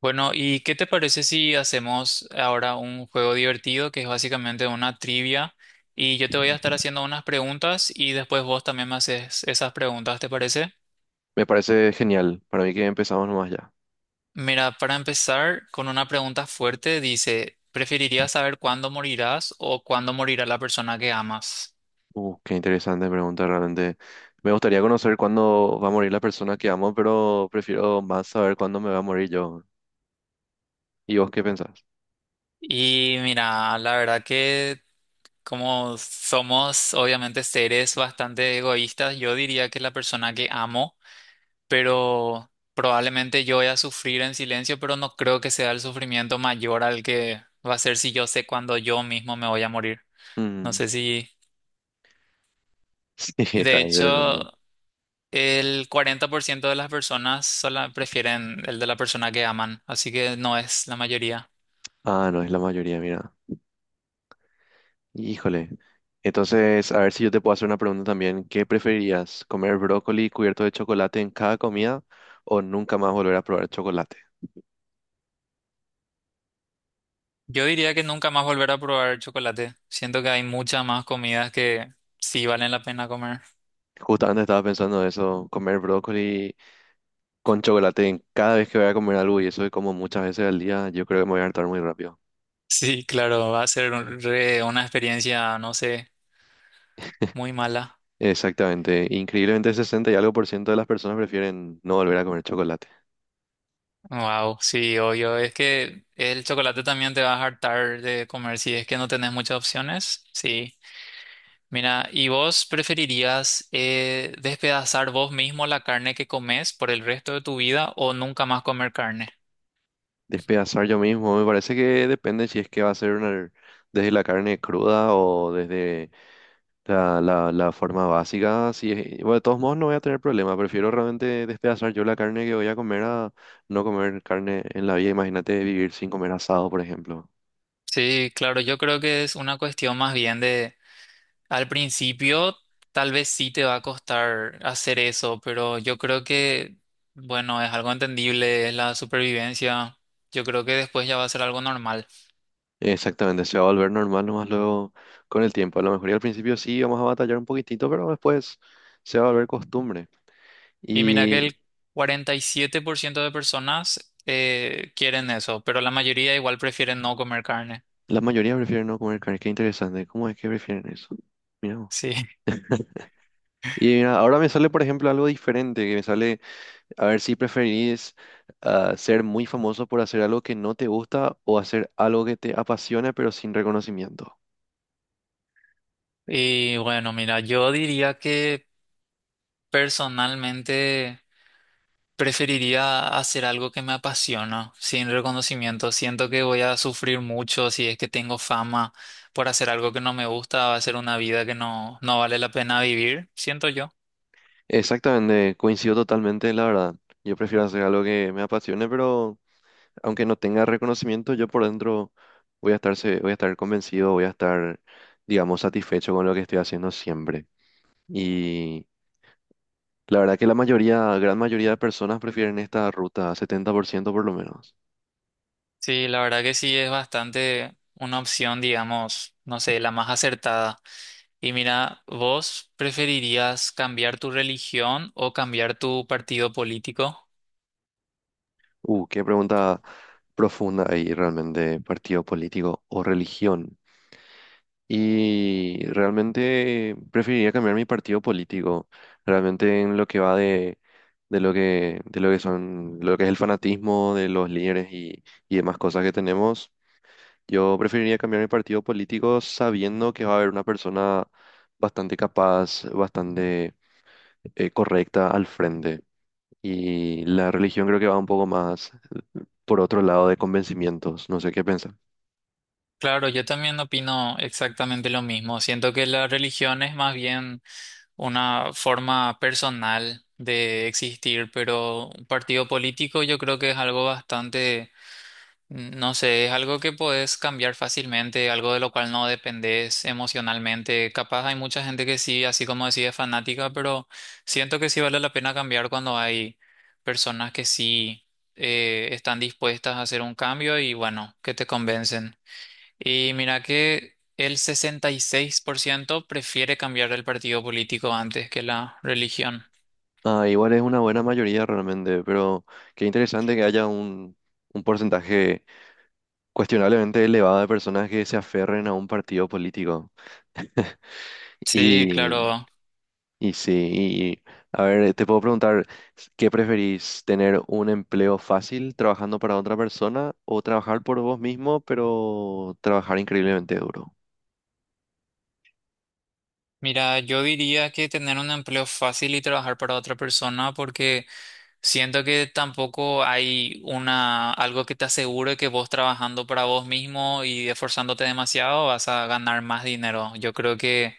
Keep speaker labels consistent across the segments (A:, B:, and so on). A: Bueno, ¿y qué te parece si hacemos ahora un juego divertido que es básicamente una trivia? Y yo te voy a estar haciendo unas preguntas y después vos también me haces esas preguntas, ¿te parece?
B: Me parece genial. Para mí que empezamos nomás ya.
A: Mira, para empezar con una pregunta fuerte, dice, ¿preferirías saber cuándo morirás o cuándo morirá la persona que amas?
B: Qué interesante pregunta realmente. Me gustaría conocer cuándo va a morir la persona que amo, pero prefiero más saber cuándo me va a morir yo. ¿Y vos qué pensás?
A: Y mira, la verdad que como somos obviamente seres bastante egoístas, yo diría que la persona que amo, pero probablemente yo voy a sufrir en silencio, pero no creo que sea el sufrimiento mayor al que va a ser si yo sé cuándo yo mismo me voy a morir. No
B: Mm,
A: sé si...
B: sí, está
A: De
B: interesante.
A: hecho, el 40% de las personas sola prefieren el de la persona que aman, así que no es la mayoría.
B: Ah, no, es la mayoría, mira. Híjole. Entonces, a ver si yo te puedo hacer una pregunta también. ¿Qué preferirías? ¿Comer brócoli cubierto de chocolate en cada comida o nunca más volver a probar chocolate?
A: Yo diría que nunca más volver a probar chocolate. Siento que hay muchas más comidas que sí valen la pena comer.
B: Justamente estaba pensando eso, comer brócoli con chocolate, cada vez que voy a comer algo, y eso es como muchas veces al día, yo creo que me voy a hartar muy rápido.
A: Sí, claro, va a ser una experiencia, no sé, muy mala.
B: Exactamente. Increíblemente, 60 y algo por ciento de las personas prefieren no volver a comer chocolate.
A: Wow, sí, obvio. Es que el chocolate también te vas a hartar de comer si es que no tenés muchas opciones. Sí. Mira, ¿y vos preferirías despedazar vos mismo la carne que comes por el resto de tu vida o nunca más comer carne?
B: Despedazar yo mismo, me parece que depende si es que va a ser desde la carne cruda o desde la forma básica. Si es- Bueno, de todos modos, no voy a tener problema. Prefiero realmente despedazar yo la carne que voy a comer a no comer carne en la vida. Imagínate vivir sin comer asado, por ejemplo.
A: Sí, claro, yo creo que es una cuestión más bien de, al principio tal vez sí te va a costar hacer eso, pero yo creo que, bueno, es algo entendible, es la supervivencia. Yo creo que después ya va a ser algo normal.
B: Exactamente, se va a volver normal nomás luego con el tiempo. A lo mejor y al principio sí vamos a batallar un poquitito, pero después se va a volver costumbre.
A: Y mira que
B: Y
A: el 47% de personas quieren eso, pero la mayoría igual prefieren no comer carne.
B: la mayoría prefieren no comer carne. Qué interesante. ¿Cómo es que prefieren eso? Mira. Vos.
A: Sí.
B: Y mira, ahora me sale, por ejemplo, algo diferente, que me sale, a ver si preferís ser muy famoso por hacer algo que no te gusta o hacer algo que te apasiona pero sin reconocimiento.
A: Y bueno, mira, yo diría que personalmente preferiría hacer algo que me apasiona, sin reconocimiento. Siento que voy a sufrir mucho si es que tengo fama por hacer algo que no me gusta, va a ser una vida que no, no vale la pena vivir, siento yo.
B: Exactamente, coincido totalmente, la verdad. Yo prefiero hacer algo que me apasione, pero aunque no tenga reconocimiento, yo por dentro voy a estar, voy a estar convencido, voy a estar, digamos, satisfecho con lo que estoy haciendo siempre. Y la verdad que la mayoría, gran mayoría de personas prefieren esta ruta, 70% por ciento por lo menos.
A: Sí, la verdad que sí es bastante una opción, digamos, no sé, la más acertada. Y mira, ¿vos preferirías cambiar tu religión o cambiar tu partido político?
B: Qué pregunta profunda ahí realmente, partido político o religión. Y realmente preferiría cambiar mi partido político, realmente en lo que va de lo que, de lo que son, lo que es el fanatismo de los líderes y demás cosas que tenemos. Yo preferiría cambiar mi partido político sabiendo que va a haber una persona bastante capaz, bastante correcta al frente. Y la religión creo que va un poco más por otro lado de convencimientos. No sé qué piensas.
A: Claro, yo también opino exactamente lo mismo. Siento que la religión es más bien una forma personal de existir, pero un partido político yo creo que es algo bastante. No sé, es algo que podés cambiar fácilmente, algo de lo cual no dependés emocionalmente. Capaz hay mucha gente que sí, así como decía, es fanática, pero siento que sí vale la pena cambiar cuando hay personas que sí están dispuestas a hacer un cambio y bueno, que te convencen. Y mira que el 66% prefiere cambiar el partido político antes que la religión.
B: Ah, igual es una buena mayoría realmente, pero qué interesante que haya un porcentaje cuestionablemente elevado de personas que se aferren a un partido político.
A: Sí,
B: Y,
A: claro.
B: y sí, y, a ver, te puedo preguntar, ¿qué preferís? ¿Tener un empleo fácil trabajando para otra persona o trabajar por vos mismo, pero trabajar increíblemente duro?
A: Mira, yo diría que tener un empleo fácil y trabajar para otra persona porque... Siento que tampoco hay una algo que te asegure que vos trabajando para vos mismo y esforzándote demasiado vas a ganar más dinero. Yo creo que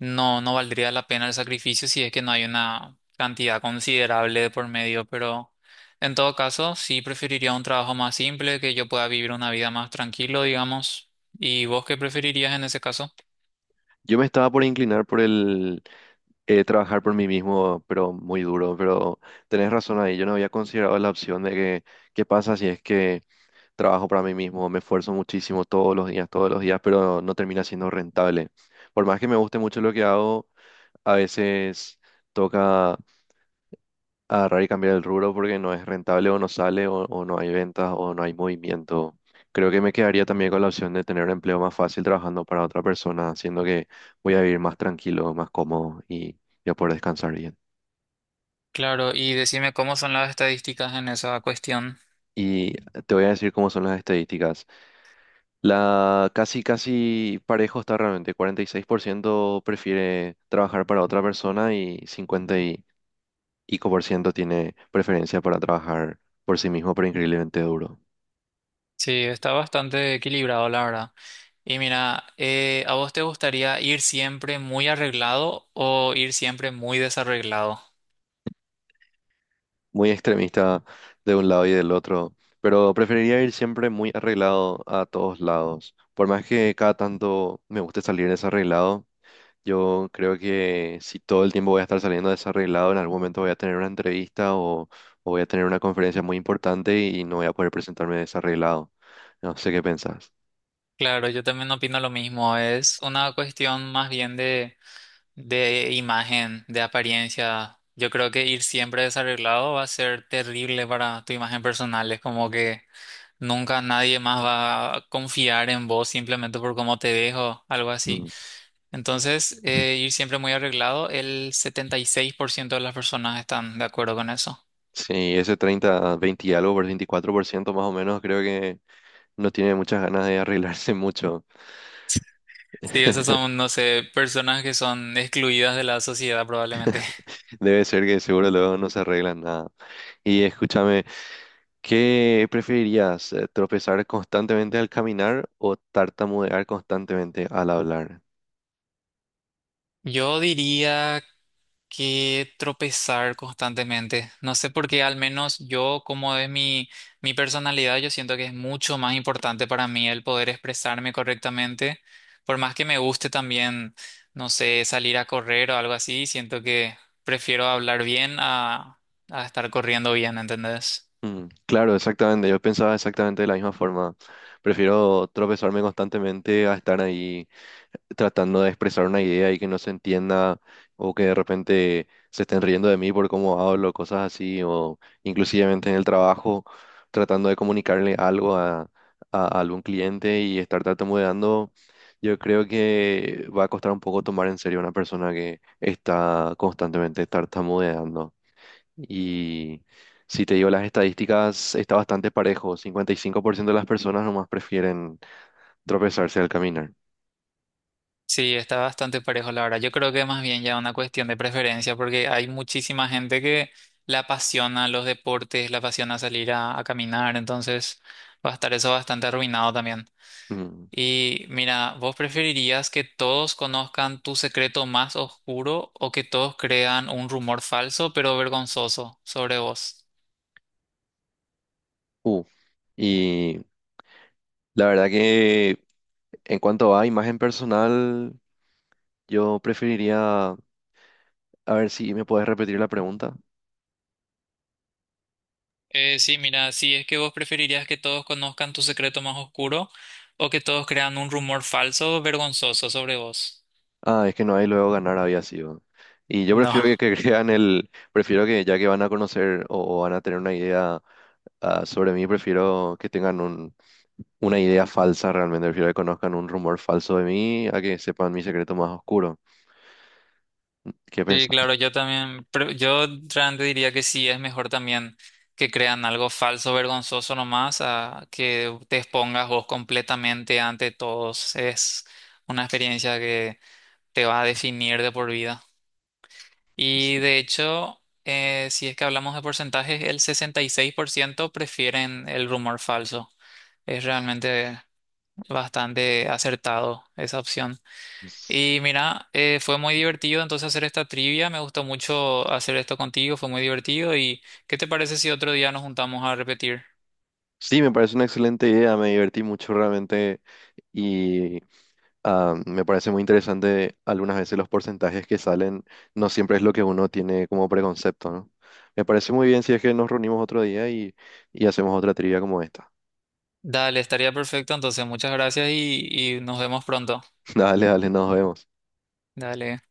A: no, no valdría la pena el sacrificio si es que no hay una cantidad considerable de por medio, pero en todo caso sí preferiría un trabajo más simple, que yo pueda vivir una vida más tranquilo, digamos. ¿Y vos qué preferirías en ese caso?
B: Yo me estaba por inclinar por trabajar por mí mismo, pero muy duro. Pero tenés razón ahí, yo no había considerado la opción de que qué pasa si es que trabajo para mí mismo, me esfuerzo muchísimo todos los días, pero no termina siendo rentable. Por más que me guste mucho lo que hago, a veces toca agarrar y cambiar el rubro porque no es rentable o no sale o no hay ventas o no hay movimiento. Creo que me quedaría también con la opción de tener un empleo más fácil trabajando para otra persona, siendo que voy a vivir más tranquilo, más cómodo y ya poder descansar bien.
A: Claro, y decime cómo son las estadísticas en esa cuestión.
B: Y te voy a decir cómo son las estadísticas. La casi, casi parejo está realmente. 46% prefiere trabajar para otra persona y 50 y pico por ciento tiene preferencia para trabajar por sí mismo, pero increíblemente duro.
A: Sí, está bastante equilibrado, la verdad. Y mira, ¿a vos te gustaría ir siempre muy arreglado o ir siempre muy desarreglado?
B: Muy extremista de un lado y del otro, pero preferiría ir siempre muy arreglado a todos lados. Por más que cada tanto me guste salir desarreglado, yo creo que si todo el tiempo voy a estar saliendo desarreglado, en algún momento voy a tener una entrevista o voy a tener una conferencia muy importante y no voy a poder presentarme desarreglado. No sé qué pensás.
A: Claro, yo también opino lo mismo. Es una cuestión más bien de imagen, de apariencia. Yo creo que ir siempre desarreglado va a ser terrible para tu imagen personal. Es como que nunca nadie más va a confiar en vos simplemente por cómo te dejo, algo así.
B: Mm.
A: Entonces, ir siempre muy arreglado, el 76% de las personas están de acuerdo con eso.
B: Sí, ese 30, 20 y algo, por 24% más o menos, creo que no tiene muchas ganas de arreglarse mucho.
A: Sí, esos son, no sé, personas que son excluidas de la sociedad probablemente.
B: Debe ser que seguro luego no se arreglan nada. Y escúchame, ¿qué preferirías? ¿Tropezar constantemente al caminar o tartamudear constantemente al hablar?
A: Yo diría que tropezar constantemente. No sé por qué, al menos yo, como es mi, mi personalidad, yo siento que es mucho más importante para mí el poder expresarme correctamente. Por más que me guste también, no sé, salir a correr o algo así, siento que prefiero hablar bien a estar corriendo bien, ¿entendés?
B: Mm, claro, exactamente. Yo pensaba exactamente de la misma forma. Prefiero tropezarme constantemente a estar ahí tratando de expresar una idea y que no se entienda o que de repente se estén riendo de mí por cómo hablo, cosas así, o inclusivamente en el trabajo tratando de comunicarle algo a algún cliente y estar tartamudeando. Yo creo que va a costar un poco tomar en serio a una persona que está constantemente tartamudeando. Y si te digo las estadísticas, está bastante parejo. 55% de las personas nomás prefieren tropezarse al caminar.
A: Sí, está bastante parejo la verdad. Yo creo que más bien ya una cuestión de preferencia, porque hay muchísima gente que la apasiona los deportes, la apasiona salir a caminar, entonces va a estar eso bastante arruinado también.
B: Mm,
A: Y mira, ¿vos preferirías que todos conozcan tu secreto más oscuro o que todos crean un rumor falso pero vergonzoso sobre vos?
B: uh. Y la verdad que en cuanto a imagen personal, yo preferiría, a ver si me puedes repetir la pregunta.
A: Sí, mira, si es que vos preferirías que todos conozcan tu secreto más oscuro o que todos crean un rumor falso vergonzoso sobre vos.
B: Ah, es que no hay luego ganar había sido. Y yo
A: No.
B: prefiero que prefiero que ya que van a conocer o van a tener una idea sobre mí, prefiero que tengan un una idea falsa realmente. Prefiero que conozcan un rumor falso de mí a que sepan mi secreto más oscuro. ¿Qué
A: Sí,
B: pensás?
A: claro, yo también, pero yo realmente diría que sí, es mejor también que crean algo falso, vergonzoso nomás, a que te expongas vos completamente ante todos. Es una experiencia que te va a definir de por vida. Y
B: Sí,
A: de hecho, si es que hablamos de porcentajes, el 66% prefieren el rumor falso. Es realmente bastante acertado esa opción. Y mira, fue muy divertido entonces hacer esta trivia, me gustó mucho hacer esto contigo, fue muy divertido y ¿qué te parece si otro día nos juntamos a repetir?
B: sí, me parece una excelente idea. Me divertí mucho realmente y me parece muy interesante algunas veces los porcentajes que salen. No siempre es lo que uno tiene como preconcepto, ¿no? Me parece muy bien si es que nos reunimos otro día y hacemos otra trivia como esta.
A: Dale, estaría perfecto, entonces muchas gracias y nos vemos pronto.
B: Dale, dale, nos vemos.
A: Dale.